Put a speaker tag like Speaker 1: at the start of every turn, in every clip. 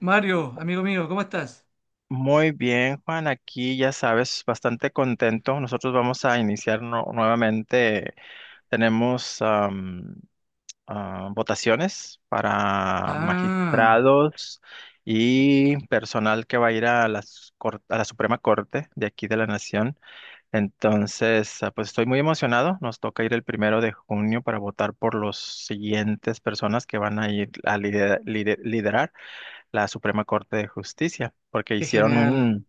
Speaker 1: Mario, amigo mío, ¿cómo estás?
Speaker 2: Muy bien, Juan, aquí ya sabes, bastante contento. Nosotros vamos a iniciar nuevamente. Tenemos votaciones para
Speaker 1: Ah,
Speaker 2: magistrados y personal que va a ir a la Suprema Corte de aquí de la Nación. Entonces, pues estoy muy emocionado. Nos toca ir el 1 de junio para votar por los siguientes personas que van a ir a liderar la Suprema Corte de Justicia, porque
Speaker 1: qué
Speaker 2: hicieron
Speaker 1: genial.
Speaker 2: un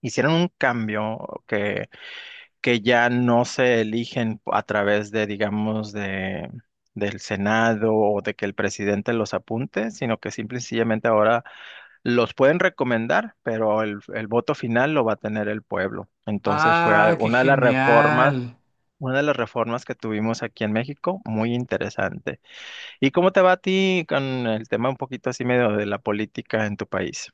Speaker 2: hicieron un cambio que ya no se eligen a través de, digamos, del Senado o de que el presidente los apunte, sino que simple y sencillamente ahora los pueden recomendar, pero el voto final lo va a tener el pueblo. Entonces fue
Speaker 1: Ah, qué
Speaker 2: una de las reformas.
Speaker 1: genial.
Speaker 2: Una de las reformas que tuvimos aquí en México, muy interesante. ¿Y cómo te va a ti con el tema un poquito así medio de la política en tu país?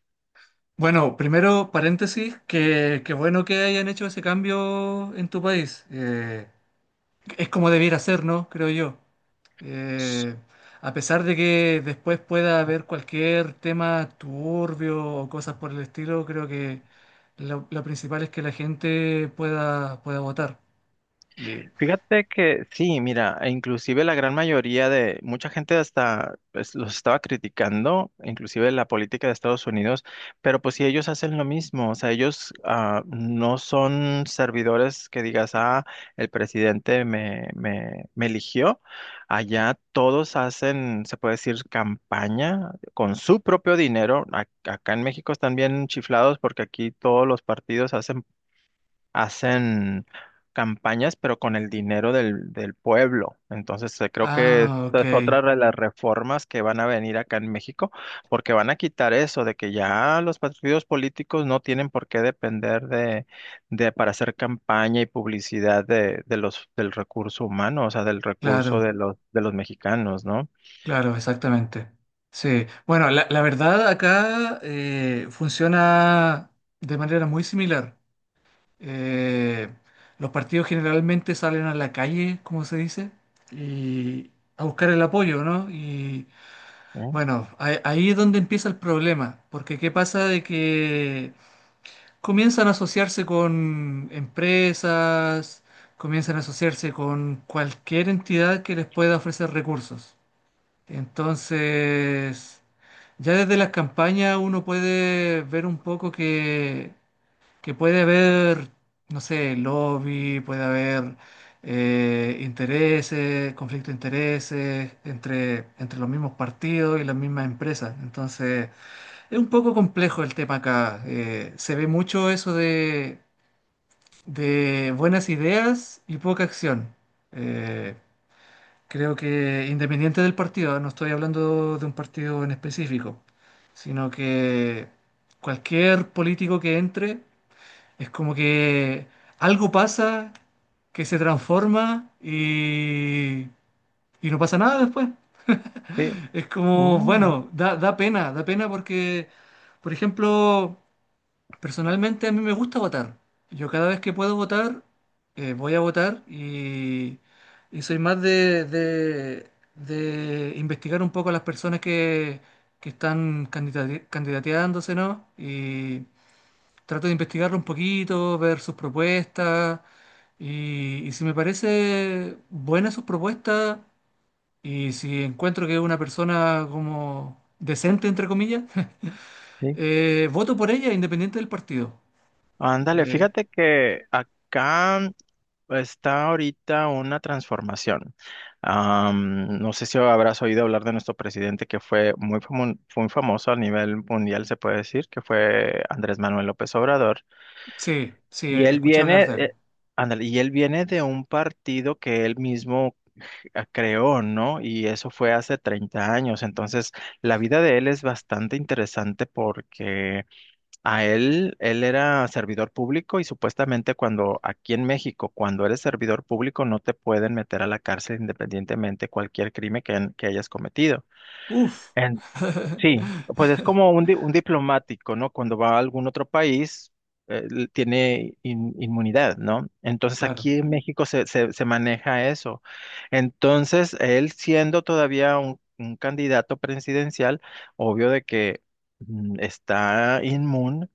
Speaker 1: Bueno, primero paréntesis, que bueno que hayan hecho ese cambio en tu país. Es como debiera ser, ¿no? Creo yo. Eh, a pesar de que después pueda haber cualquier tema turbio o cosas por el estilo, creo que lo principal es que la gente pueda, pueda votar. Y-
Speaker 2: Fíjate que sí, mira, e inclusive la gran mayoría de mucha gente hasta pues, los estaba criticando, inclusive la política de Estados Unidos, pero pues si ellos hacen lo mismo, o sea, ellos no son servidores que digas, el presidente me eligió, allá todos hacen, se puede decir, campaña con su propio dinero. Acá en México están bien chiflados porque aquí todos los partidos hacen campañas, pero con el dinero del pueblo. Entonces, creo que
Speaker 1: Ah,
Speaker 2: esta
Speaker 1: ok,
Speaker 2: es otra de las reformas que van a venir acá en México, porque van a quitar eso de que ya los partidos políticos no tienen por qué depender de para hacer campaña y publicidad del recurso humano, o sea, del recurso
Speaker 1: claro.
Speaker 2: de los mexicanos, ¿no?
Speaker 1: Claro, exactamente. Sí. Bueno, la verdad acá funciona de manera muy similar. Eh, los partidos generalmente salen a la calle, como se dice, y a buscar el apoyo, ¿no? Y
Speaker 2: ¿Eh?
Speaker 1: bueno, ahí es donde empieza el problema, porque ¿qué pasa de que comienzan a asociarse con empresas, comienzan a asociarse con cualquier entidad que les pueda ofrecer recursos? Entonces, ya desde las campañas uno puede ver un poco que puede haber, no sé, lobby, puede haber intereses, conflicto de intereses entre, entre los mismos partidos y las mismas empresas. Entonces, es un poco complejo el tema acá. Se ve mucho eso de buenas ideas y poca acción. Eh, Creo que independiente del partido, no estoy hablando de un partido en específico, sino que cualquier político que entre es como que algo pasa que se transforma y no pasa nada después.
Speaker 2: Sí.
Speaker 1: Es como,
Speaker 2: Mm,
Speaker 1: bueno, da pena porque, por ejemplo, personalmente a mí me gusta votar. Yo cada vez que puedo votar, voy a votar y soy más de, de investigar un poco a las personas que están candidateándose, ¿no? Y trato de investigarlo un poquito, ver sus propuestas y si me parece buena sus propuestas y si encuentro que es una persona como decente, entre comillas,
Speaker 2: sí.
Speaker 1: voto por ella independiente del partido.
Speaker 2: Ándale,
Speaker 1: Eh,
Speaker 2: fíjate que acá está ahorita una transformación. No sé si habrás oído hablar de nuestro presidente que fue muy famoso a nivel mundial, se puede decir, que fue Andrés Manuel López Obrador.
Speaker 1: Sí, sí,
Speaker 2: Y él
Speaker 1: escuché hablar
Speaker 2: viene,
Speaker 1: de él.
Speaker 2: ándale, y él viene de un partido que él mismo creó, ¿no? Y eso fue hace 30 años. Entonces, la vida de él es bastante interesante porque él era servidor público y supuestamente cuando aquí en México, cuando eres servidor público, no te pueden meter a la cárcel independientemente cualquier crimen que, que hayas cometido.
Speaker 1: Uf.
Speaker 2: En- sí, pues es como un diplomático, ¿no? Cuando va a algún otro país, tiene inmunidad, ¿no? Entonces
Speaker 1: Claro.
Speaker 2: aquí en México se maneja eso. Entonces, él siendo todavía un candidato presidencial, obvio de que está inmune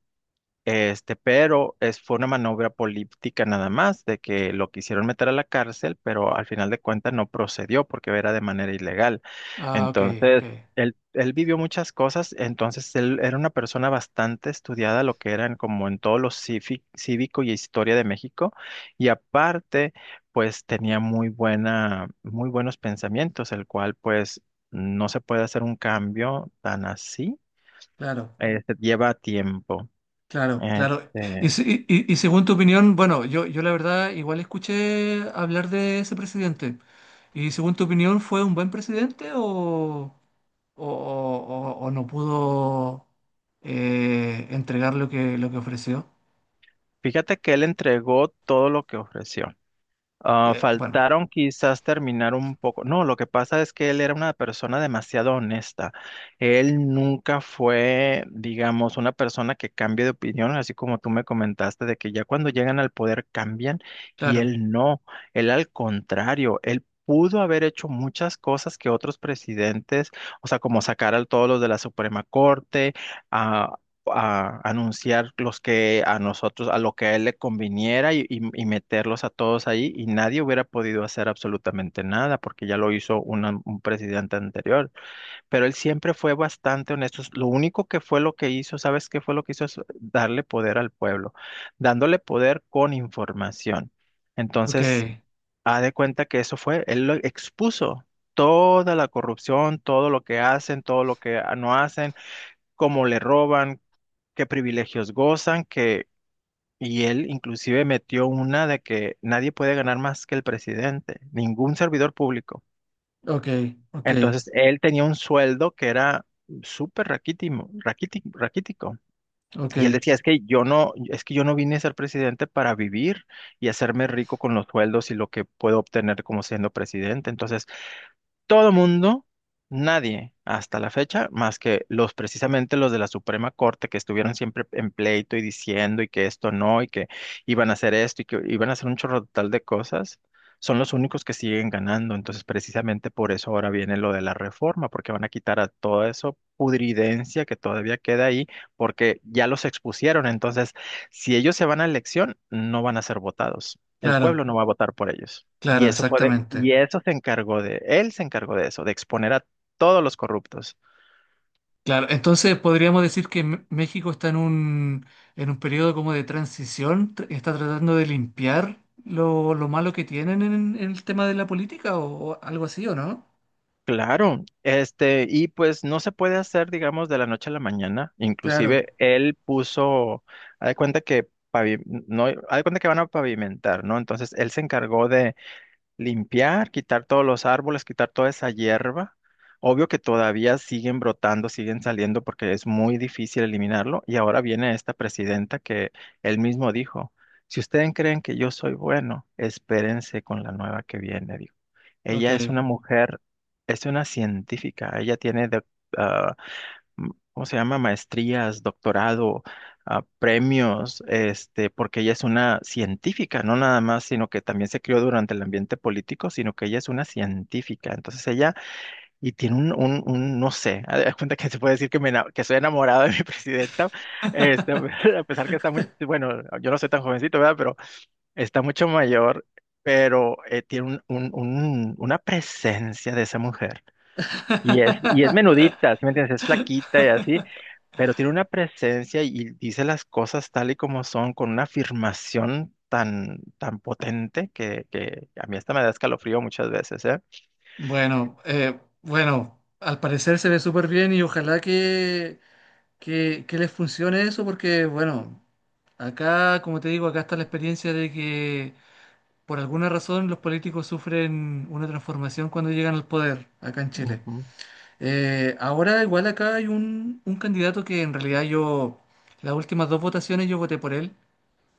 Speaker 2: pero fue una maniobra política nada más, de que lo quisieron meter a la cárcel, pero al final de cuentas no procedió porque era de manera ilegal.
Speaker 1: Ah, ok, ok.
Speaker 2: Entonces, él vivió muchas cosas, entonces él era una persona bastante estudiada, lo que eran como en todo lo cívico y historia de México, y aparte, pues tenía muy buenos pensamientos, el cual pues no se puede hacer un cambio tan así,
Speaker 1: Claro,
Speaker 2: lleva tiempo.
Speaker 1: claro, claro.
Speaker 2: Este,
Speaker 1: Y, y según tu opinión, bueno, yo la verdad igual escuché hablar de ese presidente. ¿Y según tu opinión fue un buen presidente o, o no pudo entregar lo que ofreció?
Speaker 2: Fíjate que él entregó todo lo que ofreció. Ah,
Speaker 1: Bueno,
Speaker 2: faltaron quizás terminar un poco. No, lo que pasa es que él era una persona demasiado honesta. Él nunca fue, digamos, una persona que cambie de opinión, así como tú me comentaste, de que ya cuando llegan al poder cambian y
Speaker 1: claro.
Speaker 2: él no. Él al contrario, él pudo haber hecho muchas cosas que otros presidentes, o sea, como sacar a todos los de la Suprema Corte, a anunciar los que a nosotros, a lo que a él le conviniera y meterlos a todos ahí y nadie hubiera podido hacer absolutamente nada porque ya lo hizo un presidente anterior. Pero él siempre fue bastante honesto. Lo único que fue lo que hizo, ¿sabes qué fue lo que hizo? Es darle poder al pueblo, dándole poder con información.
Speaker 1: Ok,
Speaker 2: Entonces, haz de cuenta que eso fue, él lo expuso. Toda la corrupción, todo lo que hacen, todo lo que no hacen, cómo le roban, qué privilegios gozan, que, y él inclusive metió una de que nadie puede ganar más que el presidente, ningún servidor público.
Speaker 1: ok, ok,
Speaker 2: Entonces, él tenía un sueldo que era súper raquítico.
Speaker 1: ok.
Speaker 2: Y él decía, es que yo no, es que yo no vine a ser presidente para vivir y hacerme rico con los sueldos y lo que puedo obtener como siendo presidente. Entonces, todo mundo, nadie hasta la fecha, más que los precisamente los de la Suprema Corte que estuvieron siempre en pleito y diciendo y que esto no y que iban a hacer esto y que iban a hacer un chorro total de cosas, son los únicos que siguen ganando. Entonces, precisamente por eso ahora viene lo de la reforma, porque van a quitar a todo eso pudridencia que todavía queda ahí, porque ya los expusieron. Entonces, si ellos se van a elección, no van a ser votados. El
Speaker 1: Claro,
Speaker 2: pueblo no va a votar por ellos. Y
Speaker 1: claro,
Speaker 2: eso fue de, y
Speaker 1: exactamente.
Speaker 2: eso se encargó de, él se encargó de eso, de exponer a todos los corruptos.
Speaker 1: Claro, entonces podríamos decir que México está en un periodo como de transición, está tratando de limpiar lo malo que tienen en el tema de la política o algo así, ¿o no?
Speaker 2: Claro, este, y pues no se puede hacer, digamos, de la noche a la mañana.
Speaker 1: Claro,
Speaker 2: Inclusive él puso, haz de cuenta que no, haz de cuenta que van a pavimentar, ¿no? Entonces él se encargó de limpiar, quitar todos los árboles, quitar toda esa hierba. Obvio que todavía siguen brotando, siguen saliendo porque es muy difícil eliminarlo. Y ahora viene esta presidenta que él mismo dijo, si ustedes creen que yo soy bueno, espérense con la nueva que viene, dijo. Ella es
Speaker 1: ok.
Speaker 2: una mujer, es una científica, ella tiene mm, ¿cómo se llama? Maestrías, doctorado, ah, premios, este, porque ella es una científica, no nada más, sino que también se crió durante el ambiente político, sino que ella es una científica. Entonces ella, y tiene no sé, haz de cuenta que se puede decir que, que soy enamorado de mi presidenta, este, a pesar que está bueno, yo no soy tan jovencito, ¿verdad? Pero está mucho mayor, pero tiene una presencia de esa mujer. Y es menudita, ¿sí me entiendes? Es flaquita y así, pero tiene una presencia y dice las cosas tal y como son, con una afirmación tan, tan potente que a mí hasta me da escalofrío muchas veces, ¿eh?
Speaker 1: Bueno, bueno, al parecer se ve súper bien y ojalá que les funcione eso porque, bueno, acá, como te digo, acá está la experiencia de que... Por alguna razón, los políticos sufren una transformación cuando llegan al poder acá en Chile.
Speaker 2: Ujú.
Speaker 1: Ahora, igual acá hay un candidato que en realidad yo, las últimas dos votaciones yo voté por él,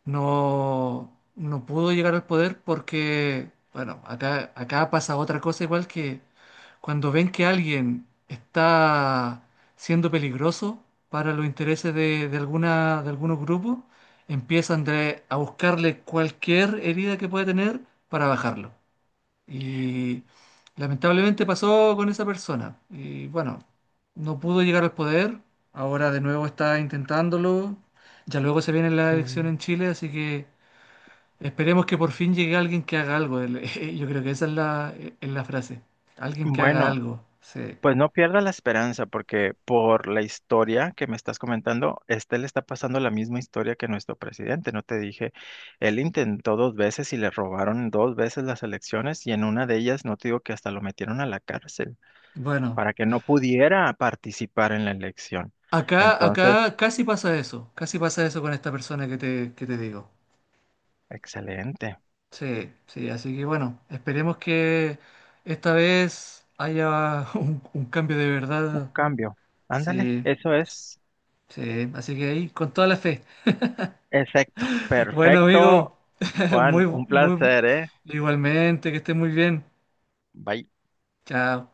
Speaker 1: no, no pudo llegar al poder porque, bueno, acá, acá pasa otra cosa igual que cuando ven que alguien está siendo peligroso para los intereses de alguna, de algunos grupos, empiezan a buscarle cualquier herida que pueda tener para bajarlo. Y lamentablemente pasó con esa persona. Y bueno, no pudo llegar al poder. Ahora de nuevo está intentándolo. Ya luego se viene la elección en
Speaker 2: Mm.
Speaker 1: Chile, así que esperemos que por fin llegue alguien que haga algo. Yo creo que esa es es la frase. Alguien que haga
Speaker 2: Bueno,
Speaker 1: algo. Sí.
Speaker 2: pues no pierda la esperanza porque por la historia que me estás comentando, este le está pasando la misma historia que nuestro presidente, ¿no te dije? Él intentó dos veces y le robaron dos veces las elecciones y en una de ellas, no te digo que hasta lo metieron a la cárcel,
Speaker 1: Bueno,
Speaker 2: para que no pudiera participar en la elección.
Speaker 1: acá,
Speaker 2: Entonces,
Speaker 1: acá casi pasa eso. Casi pasa eso con esta persona que te digo.
Speaker 2: excelente,
Speaker 1: Sí, sí, así que bueno, esperemos que esta vez haya un cambio de
Speaker 2: un
Speaker 1: verdad.
Speaker 2: cambio. Ándale,
Speaker 1: Sí,
Speaker 2: eso es
Speaker 1: sí, así que ahí, con toda la fe.
Speaker 2: exacto.
Speaker 1: Bueno,
Speaker 2: Perfecto,
Speaker 1: amigo,
Speaker 2: Juan,
Speaker 1: muy,
Speaker 2: un
Speaker 1: muy,
Speaker 2: placer, ¿eh?
Speaker 1: igualmente, que estés muy bien.
Speaker 2: Bye.
Speaker 1: Chao.